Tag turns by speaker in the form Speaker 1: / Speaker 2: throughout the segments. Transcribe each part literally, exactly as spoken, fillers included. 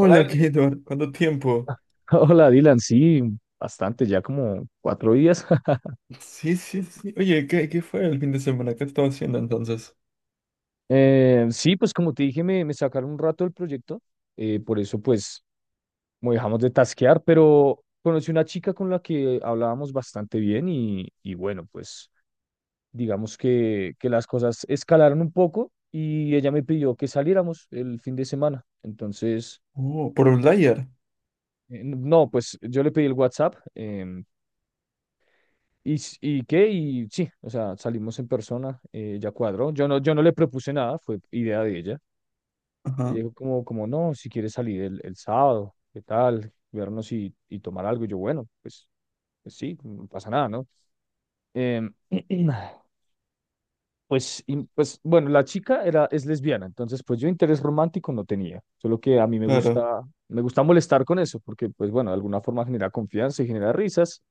Speaker 1: Hola, El-
Speaker 2: ¿qué, Eduard? ¿Cuánto tiempo?
Speaker 1: Hola, Dylan, sí, bastante, ya como cuatro días.
Speaker 2: Sí, sí, sí. Oye, ¿qué, qué fue el fin de semana? ¿Qué estaba haciendo entonces?
Speaker 1: Eh, sí, pues como te dije, me, me sacaron un rato del proyecto, eh, por eso pues como dejamos de tasquear, pero conocí una chica con la que hablábamos bastante bien y, y bueno, pues digamos que, que las cosas escalaron un poco y ella me pidió que saliéramos el fin de semana. Entonces,
Speaker 2: Oh, por Outlier.
Speaker 1: eh, no, pues yo le pedí el WhatsApp. em, ¿Y, s- y qué? Y sí, o sea, salimos en persona, eh, ya cuadró. Yo no, yo no le propuse nada, fue idea de ella. Ella
Speaker 2: Ajá,
Speaker 1: dijo como, como no, si quieres salir el, el sábado, ¿qué tal? Vernos y, y tomar algo. Y yo, bueno, pues, pues sí, no pasa nada, ¿no? Em, pues, y, pues, bueno, la chica era, es lesbiana, entonces pues yo interés romántico no tenía. Solo que a mí me
Speaker 2: claro.
Speaker 1: gusta, me gusta molestar con eso, porque pues bueno, de alguna forma genera confianza y genera risas.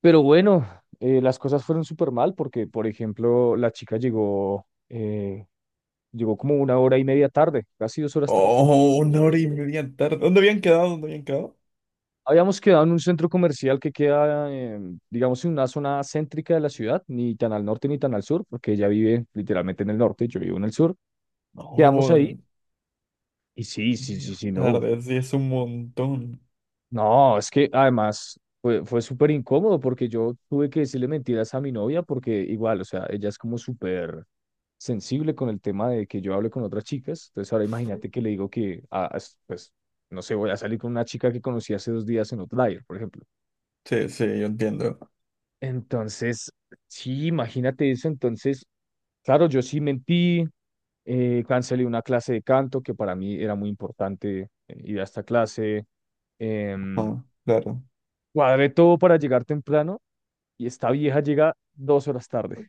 Speaker 1: Pero bueno, eh, las cosas fueron súper mal porque, por ejemplo, la chica llegó, eh, llegó como una hora y media tarde, casi dos horas tarde.
Speaker 2: Oh, una hora y media tarde. ¿Dónde habían quedado? ¿Dónde habían quedado?
Speaker 1: Habíamos quedado en un centro comercial que queda, eh, digamos, en una zona céntrica de la ciudad, ni tan al norte ni tan al sur, porque ella vive literalmente en el norte, yo vivo en el sur. Quedamos
Speaker 2: Oh,
Speaker 1: ahí
Speaker 2: en-
Speaker 1: y sí, sí, sí,
Speaker 2: Media
Speaker 1: sí, no.
Speaker 2: tarde, sí, es un montón.
Speaker 1: No, es que además fue, fue súper incómodo porque yo tuve que decirle mentiras a mi novia porque igual, o sea, ella es como súper sensible con el tema de que yo hable con otras chicas. Entonces ahora imagínate que le digo que, ah, es- pues, no sé, voy a salir con una chica que conocí hace dos días en Outlier, por ejemplo.
Speaker 2: Sí, sí, yo entiendo.
Speaker 1: Entonces, sí, imagínate eso. Entonces, claro, yo sí mentí, eh, cancelé una clase de canto que para mí era muy importante eh, ir a esta clase. em,
Speaker 2: Ajá, claro.
Speaker 1: Cuadré todo para llegar temprano y esta vieja llega dos horas tarde.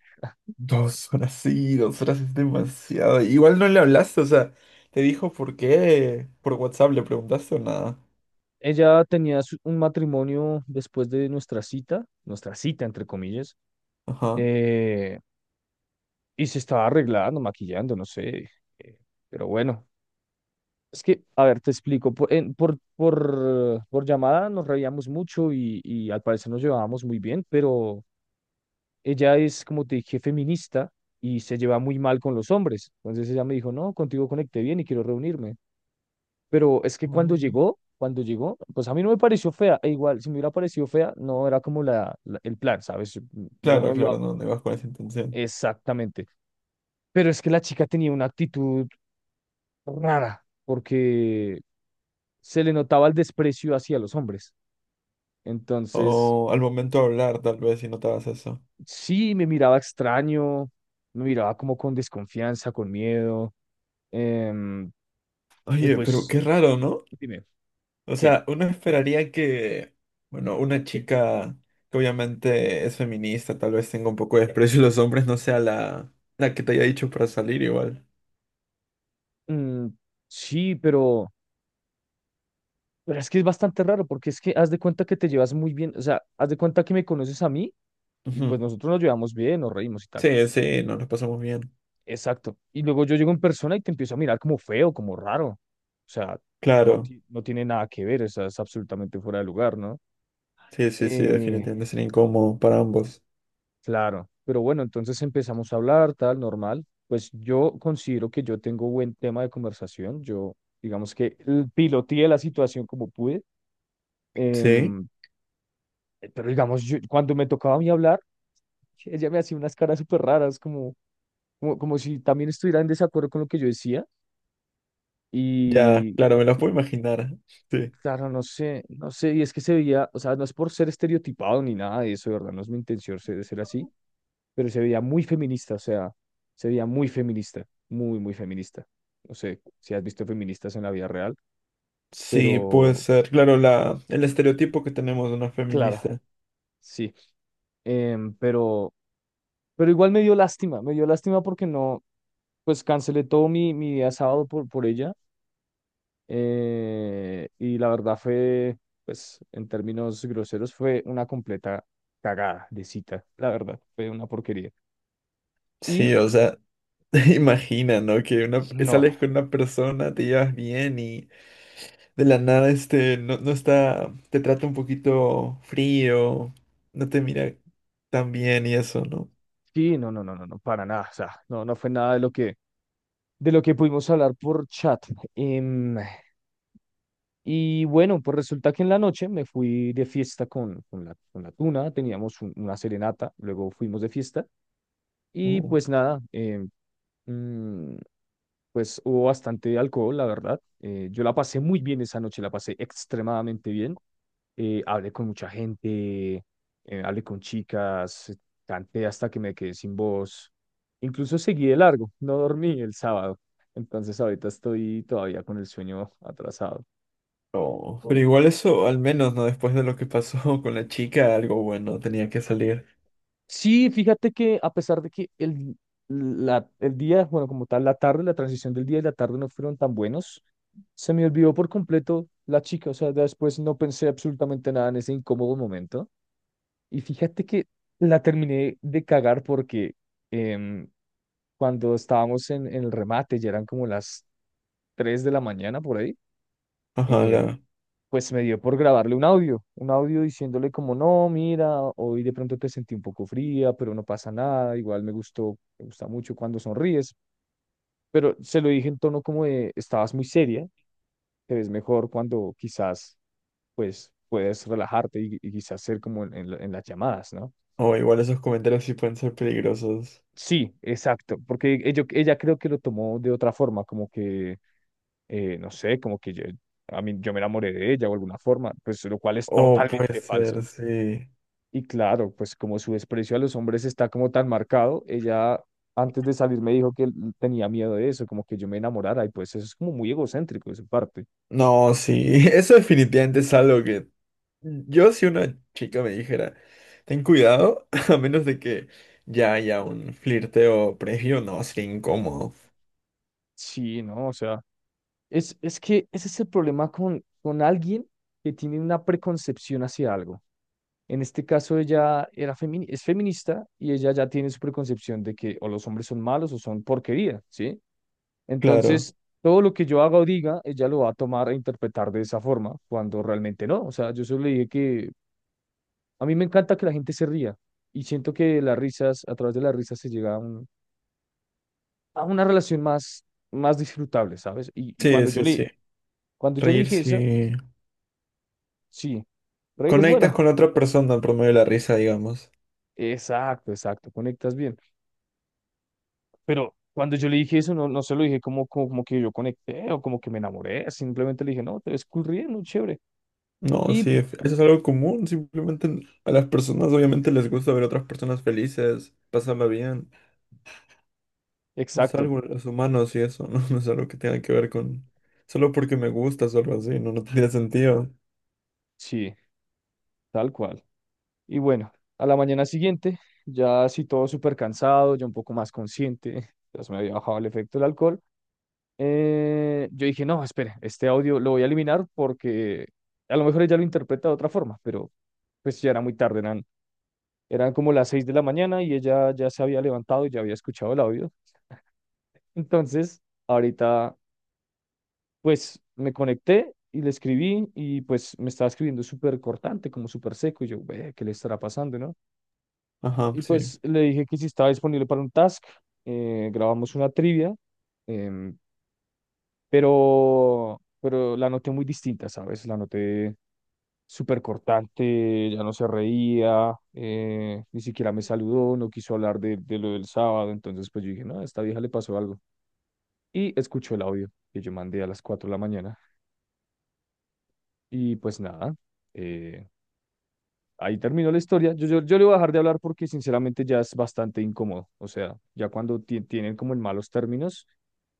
Speaker 2: Dos horas, sí, dos horas es demasiado. Igual no le hablaste, o sea, te dijo por qué. Por WhatsApp le preguntaste o nada.
Speaker 1: Ella tenía su- un matrimonio después de nuestra cita, nuestra cita entre comillas,
Speaker 2: Ajá.
Speaker 1: eh, y se estaba arreglando, maquillando, no sé, eh, pero bueno. Es que, a ver, te explico, por, en- por, por, por llamada nos reíamos mucho y, y al parecer nos llevábamos muy bien, pero ella es, como te dije, feminista y se lleva muy mal con los hombres. Entonces ella me dijo, no, contigo conecté bien y quiero reunirme. Pero es que cuando
Speaker 2: Mm.
Speaker 1: llegó, cuando llegó, pues a mí no me pareció fea. E igual, si me hubiera parecido fea, no era como la, la- el plan, ¿sabes? Yo
Speaker 2: Claro,
Speaker 1: no iba
Speaker 2: claro, no, no ibas con esa intención.
Speaker 1: exactamente. Pero es que la chica tenía una actitud rara, porque se le notaba el desprecio hacia los hombres. Entonces,
Speaker 2: O al momento de hablar, tal vez, si notabas eso.
Speaker 1: sí, me miraba extraño, me miraba como con desconfianza, con miedo. em, y
Speaker 2: Oye, pero
Speaker 1: pues,
Speaker 2: qué raro, ¿no?
Speaker 1: dime,
Speaker 2: O
Speaker 1: ¿qué?
Speaker 2: sea, uno esperaría que, bueno, una chica que obviamente es feminista, tal vez tenga un poco de desprecio a los hombres, no sea la, la que te haya dicho para salir igual.
Speaker 1: Mm, sí, pero... Pero es que es bastante raro porque es que haz de cuenta que te llevas muy bien, o sea, haz de cuenta que me conoces a mí y pues
Speaker 2: Ujú.
Speaker 1: nosotros nos llevamos bien, nos reímos y tal.
Speaker 2: Sí, sí, nos lo pasamos bien.
Speaker 1: Exacto. Y luego yo llego en persona y te empiezo a mirar como feo, como raro. O sea, no,
Speaker 2: Claro,
Speaker 1: ti- no tiene nada que ver, o sea, es absolutamente fuera de lugar, ¿no?
Speaker 2: sí, sí, sí,
Speaker 1: Eh,
Speaker 2: definitivamente sería incómodo para ambos.
Speaker 1: claro, pero bueno, entonces empezamos a hablar, tal, normal. Pues yo considero que yo tengo buen tema de conversación. Yo, digamos que eh, piloteé la situación como pude.
Speaker 2: Sí,
Speaker 1: em, eh, pero digamos, yo- cuando me tocaba a mí hablar, ella me hacía unas caras súper raras, como, como, como, si también estuviera en desacuerdo con lo que yo decía.
Speaker 2: ya,
Speaker 1: Y,
Speaker 2: claro, me lo puedo imaginar.
Speaker 1: y
Speaker 2: Sí.
Speaker 1: claro, no sé, no sé, y es que se veía, o sea, no es por ser estereotipado ni nada de eso, de verdad, no es mi intención ser, ser así, pero se veía muy feminista, o sea, se veía muy feminista, muy, muy feminista. No sé si has visto feministas en la vida real,
Speaker 2: Sí, puede
Speaker 1: pero
Speaker 2: ser, claro, la, el estereotipo que tenemos de una
Speaker 1: claro,
Speaker 2: feminista.
Speaker 1: sí. Em, pero, pero igual me dio lástima, me dio lástima porque no, pues cancelé todo mi, mi día sábado por, por ella. Eh, y la verdad fue, pues en términos groseros, fue una completa cagada de cita, la verdad, fue una porquería.
Speaker 2: Sí,
Speaker 1: Y
Speaker 2: o sea. Imagina, ¿no? Que una,
Speaker 1: no,
Speaker 2: sales con una persona, te llevas bien y de la nada este no, no está, te trata un poquito frío, no te mira tan bien y eso, ¿no?
Speaker 1: sí, no, no, no, no, no, para nada, o sea, no, no fue nada de lo que, de lo que, pudimos hablar por chat. Em, y bueno, pues resulta que en la noche me fui de fiesta con, con la, con la tuna, teníamos un- una serenata, luego fuimos de fiesta y
Speaker 2: Oh.
Speaker 1: pues nada, em, mm, pues hubo bastante alcohol, la verdad. Eh, yo la pasé muy bien esa noche, la pasé extremadamente bien. Eh, hablé con mucha gente, eh, hablé con chicas, eh, canté hasta que me quedé sin voz. Incluso seguí de largo, no dormí el sábado. Entonces ahorita estoy todavía con el sueño atrasado.
Speaker 2: Oh, pero igual eso, al menos, ¿no? Después de lo que pasó con la chica, algo bueno tenía que salir.
Speaker 1: Sí, fíjate que a pesar de que el, la- el día, bueno, como tal, la tarde, la transición del día y la tarde no fueron tan buenos, se me olvidó por completo la chica, o sea, después no pensé absolutamente nada en ese incómodo momento. Y fíjate que la terminé de cagar porque em, cuando estábamos en, en el remate, ya eran como las tres de la mañana por ahí, eh,
Speaker 2: Ojalá.
Speaker 1: pues me dio por grabarle un audio, un audio diciéndole como, no, mira, hoy de pronto te sentí un poco fría, pero no pasa nada, igual me gustó, me gusta mucho cuando sonríes, pero se lo dije en tono como de, estabas muy seria, te ves mejor cuando quizás, pues, puedes relajarte y, y quizás ser como en, en la- en las llamadas, ¿no?
Speaker 2: O igual esos comentarios sí pueden ser peligrosos.
Speaker 1: Sí, exacto, porque ello- ella creo que lo tomó de otra forma, como que, eh, no sé, como que yo, a mí, yo me enamoré de ella o alguna forma, pues lo cual es
Speaker 2: O puede
Speaker 1: totalmente falso.
Speaker 2: ser, sí.
Speaker 1: Y claro, pues como su desprecio a los hombres está como tan marcado, ella antes de salir me dijo que l- tenía miedo de eso, como que yo me enamorara, y pues eso es como muy egocéntrico de su parte.
Speaker 2: No, sí. Eso definitivamente es algo que yo, si una chica me dijera ten cuidado, a menos de que ya haya un flirteo previo, no, sería incómodo.
Speaker 1: Sí, ¿no? O sea, es, es, que ese es el problema con, con alguien que tiene una preconcepción hacia algo. En este caso ella era femi- es feminista y ella ya tiene su preconcepción de que o los hombres son malos o son porquería, ¿sí?
Speaker 2: Claro.
Speaker 1: Entonces, todo lo que yo haga o diga, ella lo va a tomar e interpretar de esa forma, cuando realmente no. O sea, yo solo le dije que a mí me encanta que la gente se ría y siento que las risas, a través de las risas se llega a, un- a una relación más, más, disfrutable, ¿sabes? Y, y
Speaker 2: Sí,
Speaker 1: cuando yo
Speaker 2: sí, sí.
Speaker 1: le, cuando yo le
Speaker 2: Reír,
Speaker 1: dije eso,
Speaker 2: si
Speaker 1: sí, reír es
Speaker 2: conectas
Speaker 1: bueno.
Speaker 2: con la otra persona, promueve la risa, digamos.
Speaker 1: Exacto, exacto, conectas bien. Pero cuando yo le dije eso, no, no se lo dije como, como, como que yo conecté o como que me enamoré, simplemente le dije, no, te ves cool riendo, chévere.
Speaker 2: No,
Speaker 1: Y
Speaker 2: sí,
Speaker 1: pu-
Speaker 2: es- eso es algo común. Simplemente n- a las personas obviamente les gusta ver a otras personas felices, pasarla bien. Es
Speaker 1: exacto,
Speaker 2: algo de los humanos y eso, ¿no? No es algo que tenga que ver con... Solo porque me gusta, solo así, no, no tendría sentido.
Speaker 1: sí, tal cual. Y bueno, a la mañana siguiente, ya así todo súper cansado, ya un poco más consciente, ya se me había bajado el efecto del alcohol, eh, yo dije, no, espere, este audio lo voy a eliminar porque a lo mejor ella lo interpreta de otra forma, pero pues ya era muy tarde, eran, eran como las seis de la mañana y ella ya se había levantado y ya había escuchado el audio. Entonces, ahorita pues me conecté y le escribí y pues me estaba escribiendo súper cortante, como súper seco y yo, ve, ¿qué le estará pasando, no?
Speaker 2: Ajá,
Speaker 1: Y
Speaker 2: sí.
Speaker 1: pues le dije que si estaba disponible para un task, eh, grabamos una trivia, em, pero, pero la noté muy distinta, ¿sabes? La noté súper cortante, ya no se reía, eh, ni siquiera me saludó, no quiso hablar de, de, lo del sábado, entonces pues yo dije, no, a esta vieja le pasó algo. Y escuchó el audio que yo mandé a las cuatro de la mañana y pues nada, eh, ahí terminó la historia. Yo, yo, yo le voy a dejar de hablar porque sinceramente ya es bastante incómodo. O sea, ya cuando ti- tienen como en malos términos,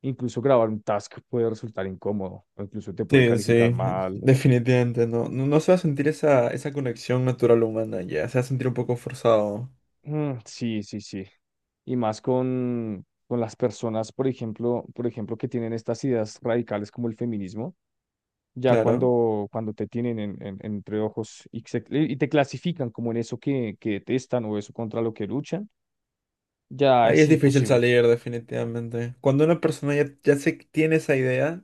Speaker 1: incluso grabar un task puede resultar incómodo o incluso te puede
Speaker 2: Sí,
Speaker 1: calificar
Speaker 2: sí,
Speaker 1: mal.
Speaker 2: definitivamente, no. No, no se va a sentir esa, esa conexión natural humana ya, se va a sentir un poco forzado,
Speaker 1: Mm, sí, sí, sí. Y más con, con, las personas, por ejemplo, por ejemplo, que tienen estas ideas radicales como el feminismo, ya
Speaker 2: claro.
Speaker 1: cuando, cuando, te tienen en, en- entre ojos y, se- y te clasifican como en eso que, que detestan o eso contra lo que luchan, ya
Speaker 2: Ahí
Speaker 1: es
Speaker 2: es difícil
Speaker 1: imposible.
Speaker 2: salir, definitivamente. Cuando una persona ya, ya se tiene esa idea.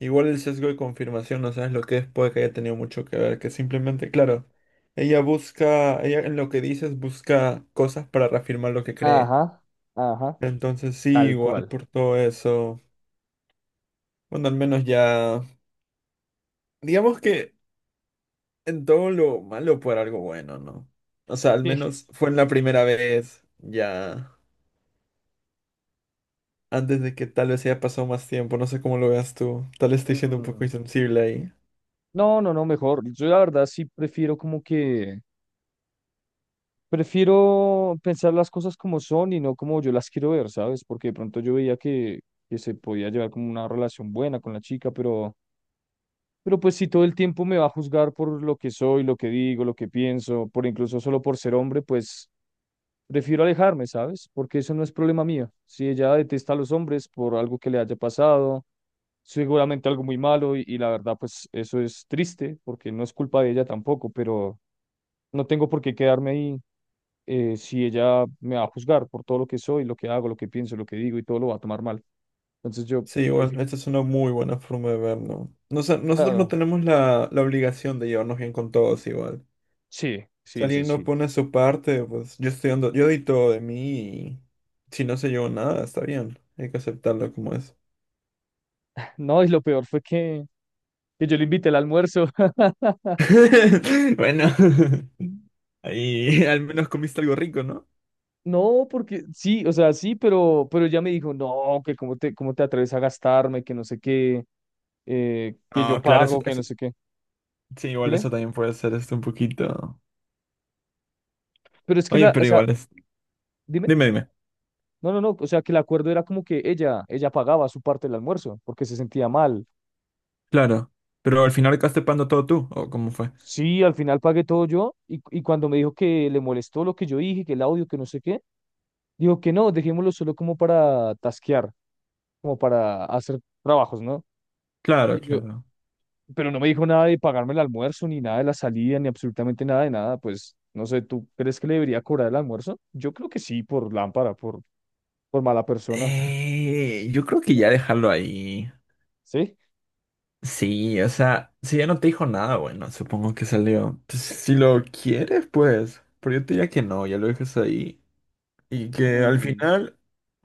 Speaker 2: Igual el sesgo de confirmación, no sabes lo que es, puede que haya tenido mucho que ver, que simplemente, claro, ella busca, ella en lo que dices busca cosas para reafirmar lo que cree.
Speaker 1: Ajá, ajá,
Speaker 2: Entonces sí,
Speaker 1: tal
Speaker 2: igual
Speaker 1: cual.
Speaker 2: por todo eso, bueno, al menos ya, digamos que en todo lo malo por algo bueno, ¿no? O sea, al menos fue en la primera vez, ya, antes de que tal vez haya pasado más tiempo, no sé cómo lo veas tú, tal vez
Speaker 1: Sí.
Speaker 2: estoy siendo un poco
Speaker 1: Mm,
Speaker 2: insensible ahí.
Speaker 1: no, no, no, mejor. Yo la verdad sí prefiero como que, prefiero pensar las cosas como son y no como yo las quiero ver, ¿sabes? Porque de pronto yo veía que, que se podía llevar como una relación buena con la chica, pero... Pero pues si todo el tiempo me va a juzgar por lo que soy, lo que digo, lo que pienso, por incluso solo por ser hombre, pues prefiero alejarme, ¿sabes? Porque eso no es problema mío. Si ella detesta a los hombres por algo que le haya pasado, seguramente algo muy malo y, y la verdad pues eso es triste porque no es culpa de ella tampoco, pero no tengo por qué quedarme ahí eh, si ella me va a juzgar por todo lo que soy, lo que hago, lo que pienso, lo que digo y todo lo va a tomar mal. Entonces yo
Speaker 2: Sí, bueno,
Speaker 1: prefiero,
Speaker 2: esta es una muy buena forma de verlo. No sé, nosotros no
Speaker 1: claro,
Speaker 2: tenemos la, la obligación de llevarnos bien con todos igual.
Speaker 1: sí,
Speaker 2: Si
Speaker 1: sí, sí,
Speaker 2: alguien no
Speaker 1: sí.
Speaker 2: pone su parte, pues yo estoy dando, yo di todo de mí y si no se llevó nada, está bien. Hay que aceptarlo como es.
Speaker 1: No, y lo peor fue que, que, yo le invité al almuerzo.
Speaker 2: Bueno, ahí al menos comiste algo rico, ¿no?
Speaker 1: No, porque sí, o sea, sí, pero, pero ella me dijo, no, que cómo te, cómo te atreves a gastarme, que no sé qué, eh, que yo
Speaker 2: Ah, claro, eso,
Speaker 1: pago, que no
Speaker 2: eso,
Speaker 1: sé qué.
Speaker 2: sí, igual
Speaker 1: Dime,
Speaker 2: eso también puede ser esto un poquito.
Speaker 1: pero es que
Speaker 2: Oye,
Speaker 1: la, o
Speaker 2: pero
Speaker 1: sea,
Speaker 2: igual es.
Speaker 1: dime,
Speaker 2: Dime, dime.
Speaker 1: no, no, no, o sea, que el acuerdo era como que ella, ella pagaba su parte del almuerzo, porque se sentía mal.
Speaker 2: Claro. Pero al final acabaste pagando todo tú, ¿o cómo fue?
Speaker 1: Sí, al final pagué todo yo, y, y cuando me dijo que le molestó lo que yo dije, que el audio, que no sé qué, dijo que no, dejémoslo solo como para tasquear, como para hacer trabajos, ¿no?
Speaker 2: Claro,
Speaker 1: Y yo,
Speaker 2: claro.
Speaker 1: pero no me dijo nada de pagarme el almuerzo, ni nada de la salida, ni absolutamente nada de nada. Pues no sé, ¿tú crees que le debería cobrar el almuerzo? Yo creo que sí, por lámpara, por, por mala persona.
Speaker 2: Eh, yo creo que ya dejarlo ahí.
Speaker 1: ¿Sí?
Speaker 2: Sí, o sea, si ya no te dijo nada, bueno, supongo que salió. Pues, si lo quieres, pues. Pero yo te diría que no, ya lo dejas ahí. Y que al
Speaker 1: Mm,
Speaker 2: final,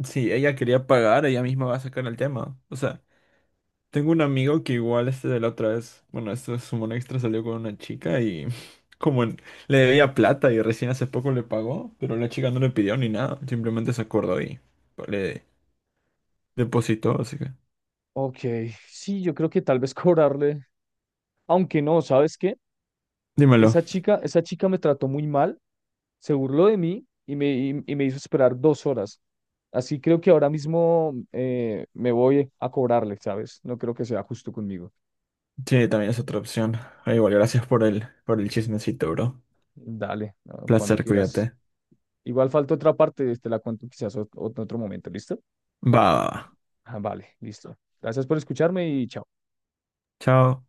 Speaker 2: si ella quería pagar, ella misma va a sacar el tema. O sea, tengo un amigo que igual este de la otra vez, bueno, esto es un extra, salió con una chica y como en- le debía plata y recién hace poco le pagó, pero la chica no le pidió ni nada, simplemente se acordó y le depositó, así que...
Speaker 1: ok, sí, yo creo que tal vez cobrarle. Aunque no, ¿sabes qué?
Speaker 2: Dímelo.
Speaker 1: Esa chica, esa chica me trató muy mal, se burló de mí y me, y, y me hizo esperar dos horas. Así creo que ahora mismo eh, me voy a cobrarle, ¿sabes? No creo que sea justo conmigo.
Speaker 2: Sí, también es otra opción. Ah, igual, gracias por el, por el chismecito, bro.
Speaker 1: Dale, no, cuando
Speaker 2: Placer,
Speaker 1: quieras.
Speaker 2: cuídate.
Speaker 1: Igual falta otra parte, este la cuento quizás ot- ot- en otro momento, ¿listo?
Speaker 2: Va. Va, va.
Speaker 1: Ah, vale, listo. Gracias por escucharme y chao.
Speaker 2: Chao.